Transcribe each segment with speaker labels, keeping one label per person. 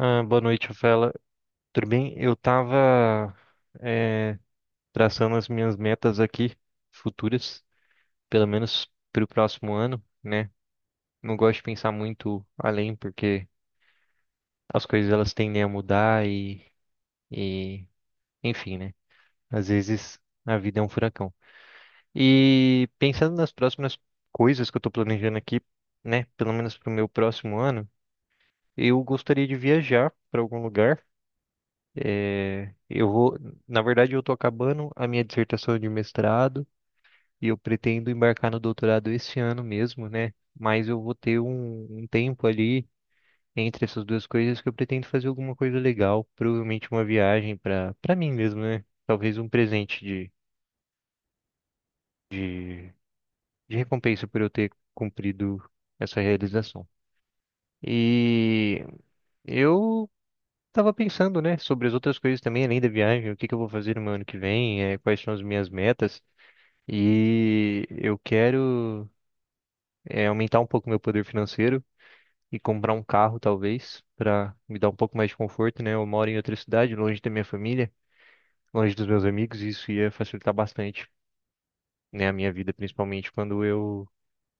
Speaker 1: Ah, boa noite, Rafaela. Tudo bem? Eu tava eh, traçando as minhas metas aqui, futuras, pelo menos para o próximo ano, né? Não gosto de pensar muito além, porque as coisas elas tendem a mudar e, enfim, né? Às vezes a vida é um furacão. E pensando nas próximas coisas que eu tô planejando aqui, né? Pelo menos para o meu próximo ano, eu gostaria de viajar para algum lugar. É, eu vou, na verdade, eu estou acabando a minha dissertação de mestrado e eu pretendo embarcar no doutorado esse ano mesmo, né? Mas eu vou ter um tempo ali entre essas duas coisas que eu pretendo fazer alguma coisa legal, provavelmente uma viagem para mim mesmo, né? Talvez um presente de, de recompensa por eu ter cumprido essa realização. E eu estava pensando, né, sobre as outras coisas também, além da viagem, o que que eu vou fazer no meu ano que vem, quais são as minhas metas. E eu quero aumentar um pouco meu poder financeiro e comprar um carro, talvez, para me dar um pouco mais de conforto, né? Eu moro em outra cidade, longe da minha família, longe dos meus amigos, e isso ia facilitar bastante, né, a minha vida, principalmente quando eu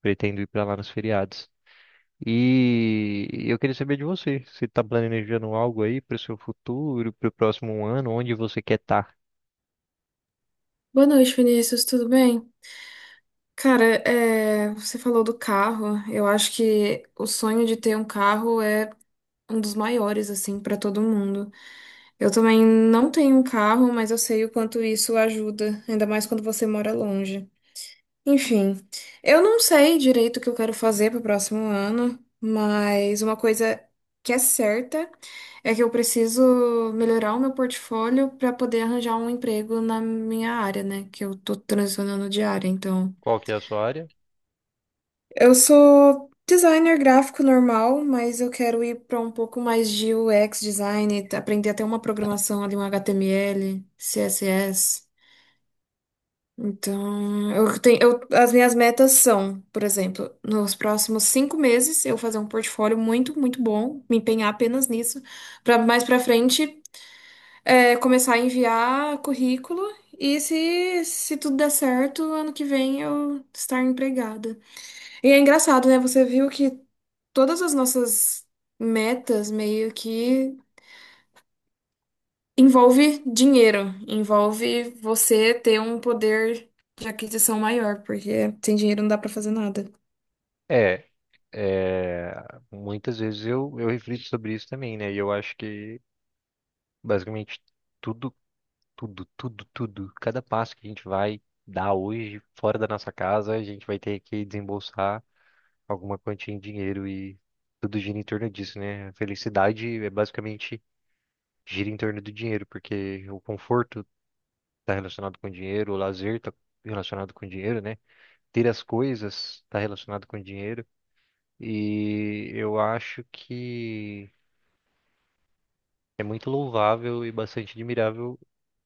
Speaker 1: pretendo ir para lá nos feriados. E eu queria saber de você, você está planejando algo aí para o seu futuro, para o próximo ano, onde você quer estar?
Speaker 2: Boa noite, Vinícius, tudo bem? Cara, você falou do carro. Eu acho que o sonho de ter um carro é um dos maiores, assim, para todo mundo. Eu também não tenho um carro, mas eu sei o quanto isso ajuda, ainda mais quando você mora longe. Enfim, eu não sei direito o que eu quero fazer pro próximo ano, mas uma coisa que é certa é que eu preciso melhorar o meu portfólio para poder arranjar um emprego na minha área, né? Que eu tô transicionando de área, então.
Speaker 1: Qual que é a sua área?
Speaker 2: Eu sou designer gráfico normal, mas eu quero ir para um pouco mais de UX design, aprender até uma programação ali, um HTML, CSS. Então, as minhas metas são, por exemplo, nos próximos 5 meses, eu fazer um portfólio muito, muito bom, me empenhar apenas nisso, para mais para frente, começar a enviar currículo e se tudo der certo, ano que vem eu estar empregada. E é engraçado, né? Você viu que todas as nossas metas meio que envolve dinheiro, envolve você ter um poder de aquisição maior, porque sem dinheiro não dá pra fazer nada.
Speaker 1: É, é, muitas vezes eu reflito sobre isso também, né? E eu acho que basicamente tudo, tudo, tudo, tudo, cada passo que a gente vai dar hoje fora da nossa casa, a gente vai ter que desembolsar alguma quantia em dinheiro e tudo gira em torno disso, né? A felicidade é basicamente gira em torno do dinheiro, porque o conforto está relacionado com dinheiro, o lazer está relacionado com dinheiro, né? Ter as coisas está relacionado com dinheiro. E eu acho que é muito louvável e bastante admirável,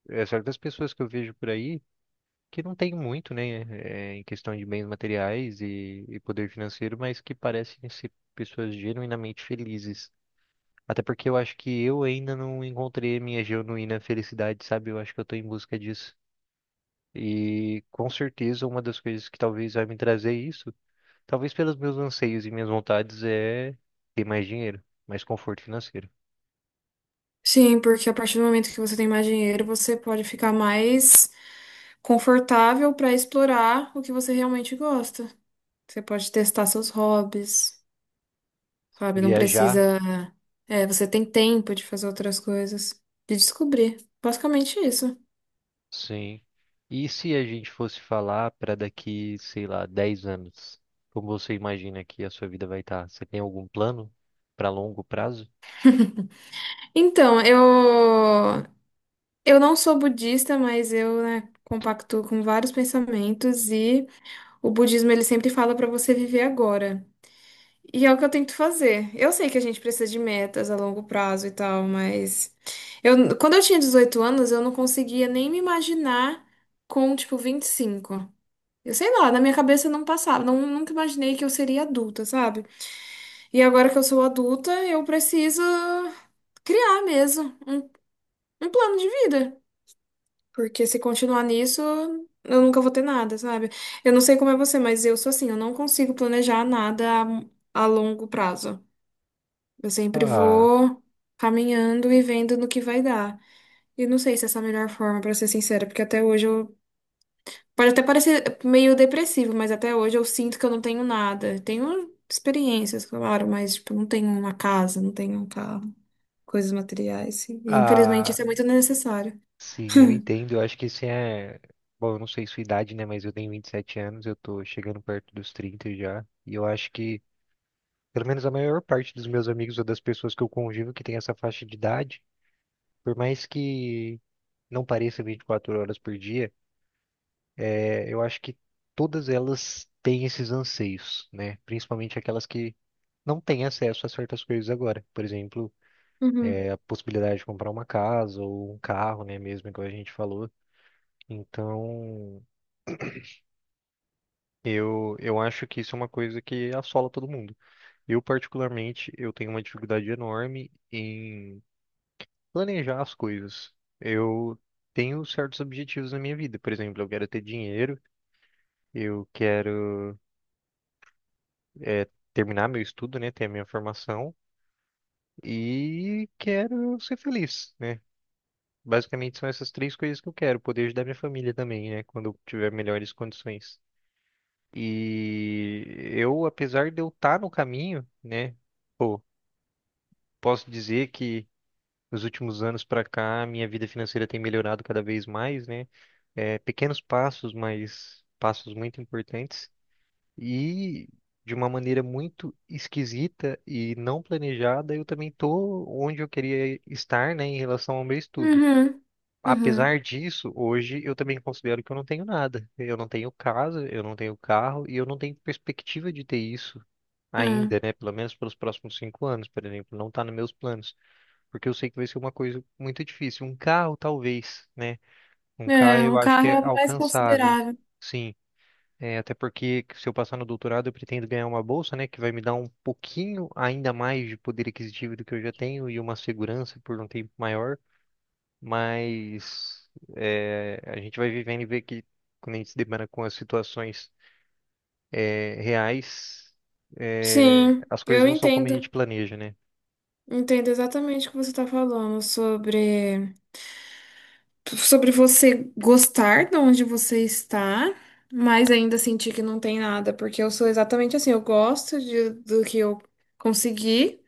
Speaker 1: certas pessoas que eu vejo por aí que não têm muito, né, em questão de bens materiais e poder financeiro, mas que parecem ser pessoas genuinamente felizes. Até porque eu acho que eu ainda não encontrei a minha genuína felicidade, sabe? Eu acho que eu estou em busca disso. E com certeza uma das coisas que talvez vai me trazer isso, talvez pelos meus anseios e minhas vontades, é ter mais dinheiro, mais conforto financeiro.
Speaker 2: Sim, porque a partir do momento que você tem mais dinheiro, você pode ficar mais confortável pra explorar o que você realmente gosta. Você pode testar seus hobbies, sabe? Não
Speaker 1: Viajar,
Speaker 2: precisa. É, você tem tempo de fazer outras coisas, de descobrir. Basicamente isso.
Speaker 1: sim. E se a gente fosse falar para daqui, sei lá, 10 anos? Como você imagina que a sua vida vai estar? Você tem algum plano para longo prazo?
Speaker 2: Então, eu não sou budista, mas eu, né, compactuo com vários pensamentos e o budismo ele sempre fala para você viver agora. E é o que eu tento fazer. Eu sei que a gente precisa de metas a longo prazo e tal, mas eu, quando eu tinha 18 anos, eu não conseguia nem me imaginar com, tipo, 25. Eu sei lá, na minha cabeça não passava, não, nunca imaginei que eu seria adulta, sabe? E agora que eu sou adulta, eu preciso criar mesmo um plano de vida. Porque se continuar nisso, eu nunca vou ter nada, sabe? Eu não sei como é você, mas eu sou assim, eu não consigo planejar nada a longo prazo. Eu sempre
Speaker 1: Ah,
Speaker 2: vou caminhando e vendo no que vai dar. E não sei se essa é a melhor forma, pra ser sincera, porque até hoje eu. Pode até parecer meio depressivo, mas até hoje eu sinto que eu não tenho nada. Tenho experiências, claro, mas tipo, não tenho uma casa, não tenho um carro, coisas materiais. E, infelizmente,
Speaker 1: ah,
Speaker 2: isso é muito necessário.
Speaker 1: sim, eu entendo. Eu acho que esse é. Bom, eu não sei sua idade, né? Mas eu tenho 27 anos, eu tô chegando perto dos 30 já. E eu acho que, pelo menos a maior parte dos meus amigos ou das pessoas que eu convivo que tem essa faixa de idade, por mais que não pareça 24 horas por dia. Eu acho que todas elas têm esses anseios, né? Principalmente aquelas que não têm acesso a certas coisas agora. Por exemplo,
Speaker 2: Uhum.
Speaker 1: é a possibilidade de comprar uma casa ou um carro, né? Mesmo igual a gente falou. Então, eu acho que isso é uma coisa que assola todo mundo. Eu, particularmente, eu tenho uma dificuldade enorme em planejar as coisas. Eu tenho certos objetivos na minha vida. Por exemplo, eu quero ter dinheiro, eu quero, eh, terminar meu estudo, né? Ter a minha formação. E quero ser feliz, né? Basicamente são essas três coisas que eu quero, poder ajudar minha família também, né? Quando eu tiver melhores condições. E eu, apesar de eu estar no caminho, né? Pô, posso dizer que nos últimos anos pra cá, minha vida financeira tem melhorado cada vez mais, né? É, pequenos passos, mas passos muito importantes. E de uma maneira muito esquisita e não planejada, eu também tô onde eu queria estar, né, em relação ao meu estudo.
Speaker 2: Uhum. Uhum.
Speaker 1: Apesar disso, hoje eu também considero que eu não tenho nada. Eu não tenho casa, eu não tenho carro e eu não tenho perspectiva de ter isso
Speaker 2: É.
Speaker 1: ainda, né? Pelo menos pelos próximos 5 anos, por exemplo, não está nos meus planos, porque eu sei que vai ser uma coisa muito difícil. Um carro, talvez, né? Um carro
Speaker 2: É,
Speaker 1: eu
Speaker 2: um
Speaker 1: acho que
Speaker 2: carro
Speaker 1: é
Speaker 2: é mais
Speaker 1: alcançável,
Speaker 2: considerável.
Speaker 1: sim. É, até porque se eu passar no doutorado, eu pretendo ganhar uma bolsa, né, que vai me dar um pouquinho ainda mais de poder aquisitivo do que eu já tenho e uma segurança por um tempo maior. Mas a gente vai vivendo e ver que quando a gente se depara com as situações reais,
Speaker 2: Sim,
Speaker 1: as coisas
Speaker 2: eu
Speaker 1: não são como a
Speaker 2: entendo.
Speaker 1: gente planeja, né?
Speaker 2: Entendo exatamente o que você está falando sobre sobre você gostar de onde você está, mas ainda sentir que não tem nada, porque eu sou exatamente assim, eu gosto de, do que eu consegui,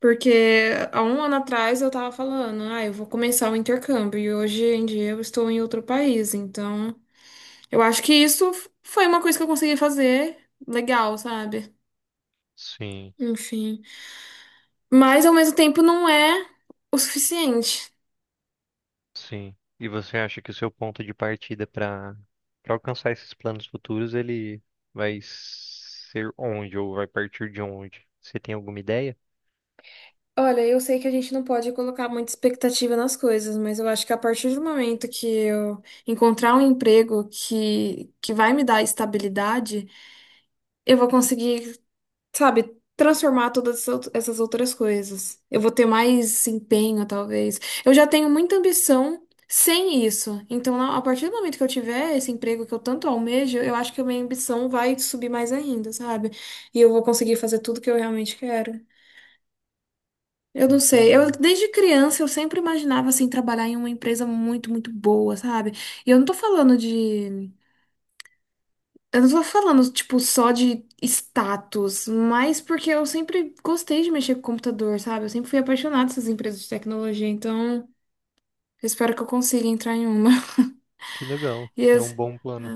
Speaker 2: porque há 1 ano atrás eu estava falando, ah, eu vou começar o intercâmbio e hoje em dia eu estou em outro país, então eu acho que isso foi uma coisa que eu consegui fazer legal, sabe?
Speaker 1: Sim.
Speaker 2: Enfim. Mas ao mesmo tempo não é o suficiente.
Speaker 1: Sim. E você acha que o seu ponto de partida para alcançar esses planos futuros, ele vai ser onde ou vai partir de onde? Você tem alguma ideia?
Speaker 2: Olha, eu sei que a gente não pode colocar muita expectativa nas coisas, mas eu acho que a partir do momento que eu encontrar um emprego que vai me dar estabilidade, eu vou conseguir sabe, transformar todas essas essas outras coisas. Eu vou ter mais empenho, talvez. Eu já tenho muita ambição sem isso. Então, a partir do momento que eu tiver esse emprego que eu tanto almejo, eu acho que a minha ambição vai subir mais ainda, sabe? E eu vou conseguir fazer tudo que eu realmente quero. Eu não sei. Eu
Speaker 1: Entendi.
Speaker 2: desde criança eu sempre imaginava assim trabalhar em uma empresa muito, muito boa, sabe? E eu não tô falando de Eu não tô falando, tipo, só de status, mas porque eu sempre gostei de mexer com computador, sabe? Eu sempre fui apaixonada dessas empresas de tecnologia, então eu espero que eu consiga entrar em uma.
Speaker 1: Que legal. É um
Speaker 2: Yes.
Speaker 1: bom plano.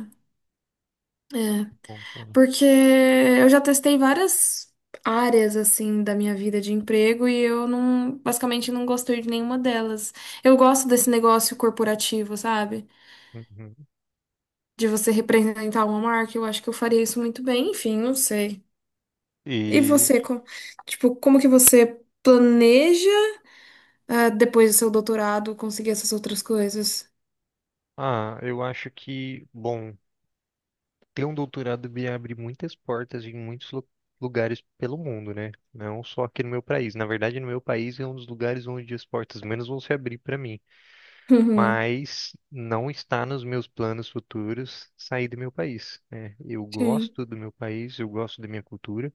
Speaker 1: Bom plano.
Speaker 2: Porque eu já testei várias áreas, assim, da minha vida de emprego e eu não, basicamente não gostei de nenhuma delas. Eu gosto desse negócio corporativo, sabe?
Speaker 1: Uhum.
Speaker 2: De você representar uma marca, eu acho que eu faria isso muito bem, enfim, não sei. E
Speaker 1: E
Speaker 2: você, tipo, como que você planeja, ah, depois do seu doutorado, conseguir essas outras coisas?
Speaker 1: eu acho que, bom, ter um doutorado me abre muitas portas em muitos lugares pelo mundo, né? Não só aqui no meu país. Na verdade, no meu país é um dos lugares onde as portas menos vão se abrir para mim.
Speaker 2: Uhum.
Speaker 1: Mas não está nos meus planos futuros sair do meu país, né? Eu
Speaker 2: Sim,
Speaker 1: gosto do meu país, eu gosto da minha cultura,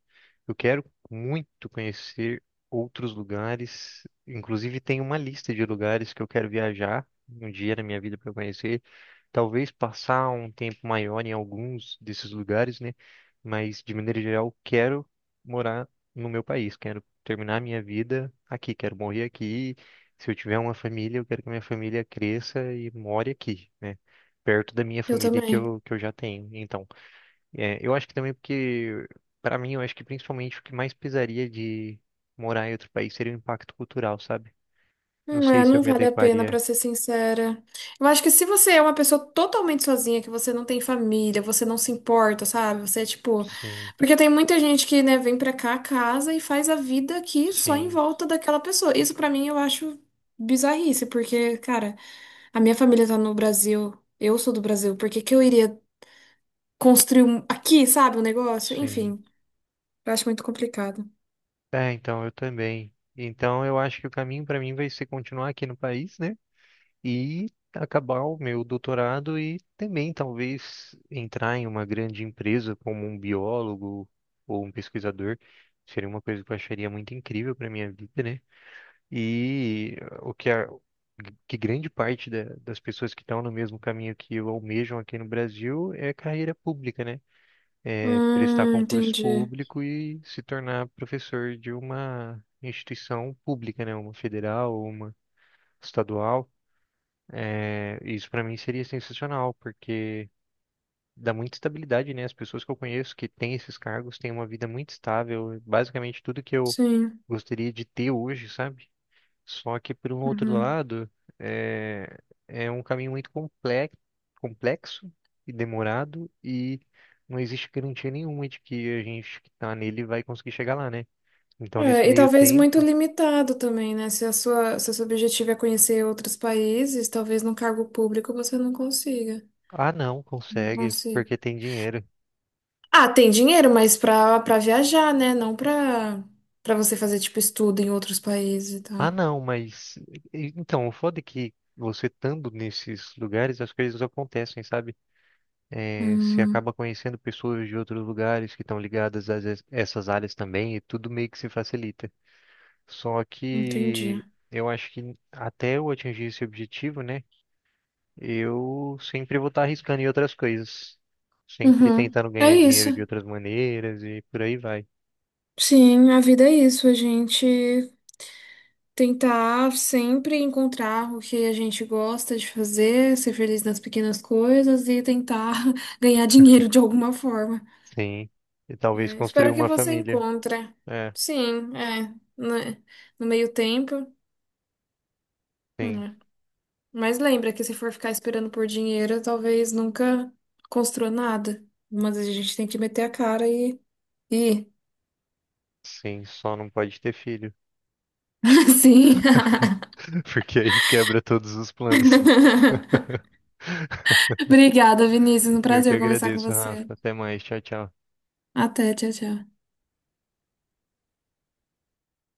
Speaker 1: eu quero muito conhecer outros lugares, inclusive tem uma lista de lugares que eu quero viajar um dia na minha vida para conhecer, talvez passar um tempo maior em alguns desses lugares, né? Mas de maneira geral, quero morar no meu país, quero terminar minha vida aqui, quero morrer aqui se eu tiver uma família, eu quero que a minha família cresça e more aqui, né? Perto da minha
Speaker 2: eu
Speaker 1: família que
Speaker 2: também.
Speaker 1: eu, que eu já tenho. Então, eu acho que também porque, para mim, eu acho que principalmente o que mais pesaria de morar em outro país seria o impacto cultural, sabe? Não sei
Speaker 2: É,
Speaker 1: se eu
Speaker 2: não
Speaker 1: me
Speaker 2: vale a pena, pra
Speaker 1: adequaria.
Speaker 2: ser sincera. Eu acho que se você é uma pessoa totalmente sozinha, que você não tem família, você não se importa, sabe? Você é tipo.
Speaker 1: Sim,
Speaker 2: Porque tem muita gente que, né, vem pra cá, casa e faz a vida aqui só em
Speaker 1: sim,
Speaker 2: volta daquela pessoa. Isso pra mim eu acho bizarrice, porque, cara, a minha família tá no Brasil, eu sou do Brasil, por que que eu iria construir aqui, sabe, o negócio.
Speaker 1: sim.
Speaker 2: Enfim, eu acho muito complicado.
Speaker 1: É, então eu também. Então eu acho que o caminho para mim vai ser continuar aqui no país, né? E acabar o meu doutorado e também talvez entrar em uma grande empresa como um biólogo ou um pesquisador. Seria uma coisa que eu acharia muito incrível para minha vida, né? E o que grande parte das pessoas que estão no mesmo caminho que eu almejam aqui no Brasil é carreira pública, né? É prestar concurso
Speaker 2: Entendi.
Speaker 1: público e se tornar professor de uma instituição pública, né? Uma federal, uma estadual. É, isso para mim seria sensacional, porque dá muita estabilidade, né? As pessoas que eu conheço que têm esses cargos têm uma vida muito estável, basicamente tudo que eu
Speaker 2: Sim.
Speaker 1: gostaria de ter hoje, sabe? Só que por um outro
Speaker 2: Uhum.
Speaker 1: lado, é, é um caminho muito complexo, complexo e demorado e não existe garantia nenhuma de que a gente que está nele vai conseguir chegar lá, né? Então, nesse
Speaker 2: É, e
Speaker 1: meio
Speaker 2: talvez muito
Speaker 1: tempo,
Speaker 2: limitado também, né? Se a sua, se o seu objetivo é conhecer outros países, talvez num cargo público você não consiga.
Speaker 1: ah, não,
Speaker 2: Não
Speaker 1: consegue,
Speaker 2: consiga.
Speaker 1: porque tem dinheiro.
Speaker 2: Ah, tem dinheiro, mas pra viajar, né? Não pra, pra você fazer, tipo, estudo em outros países e tal.
Speaker 1: Ah, não, mas. Então, o foda é que você estando nesses lugares, as coisas acontecem, sabe? É, você acaba
Speaker 2: Hum,
Speaker 1: conhecendo pessoas de outros lugares que estão ligadas a essas áreas também, e tudo meio que se facilita. Só
Speaker 2: Entendi.
Speaker 1: que eu acho que até eu atingir esse objetivo, né? Eu sempre vou estar arriscando em outras coisas. Sempre
Speaker 2: Uhum.
Speaker 1: tentando
Speaker 2: É
Speaker 1: ganhar dinheiro de
Speaker 2: isso.
Speaker 1: outras maneiras e por aí vai.
Speaker 2: Sim, a vida é isso. A gente tentar sempre encontrar o que a gente gosta de fazer, ser feliz nas pequenas coisas e tentar ganhar dinheiro de alguma forma.
Speaker 1: Sim. E talvez
Speaker 2: É,
Speaker 1: construir
Speaker 2: espero que
Speaker 1: uma
Speaker 2: você
Speaker 1: família.
Speaker 2: encontre.
Speaker 1: É,
Speaker 2: Sim, é. Né. No meio tempo.
Speaker 1: sim.
Speaker 2: Né. Mas lembra que se for ficar esperando por dinheiro, talvez nunca construa nada. Mas a gente tem que meter a cara e e
Speaker 1: Sim, só não pode ter filho.
Speaker 2: Sim.
Speaker 1: porque aí quebra todos os planos.
Speaker 2: Obrigada, Vinícius. Um
Speaker 1: Eu que
Speaker 2: prazer conversar com
Speaker 1: agradeço,
Speaker 2: você.
Speaker 1: Rafa. Até mais. Tchau, tchau.
Speaker 2: Até, tchau, tchau.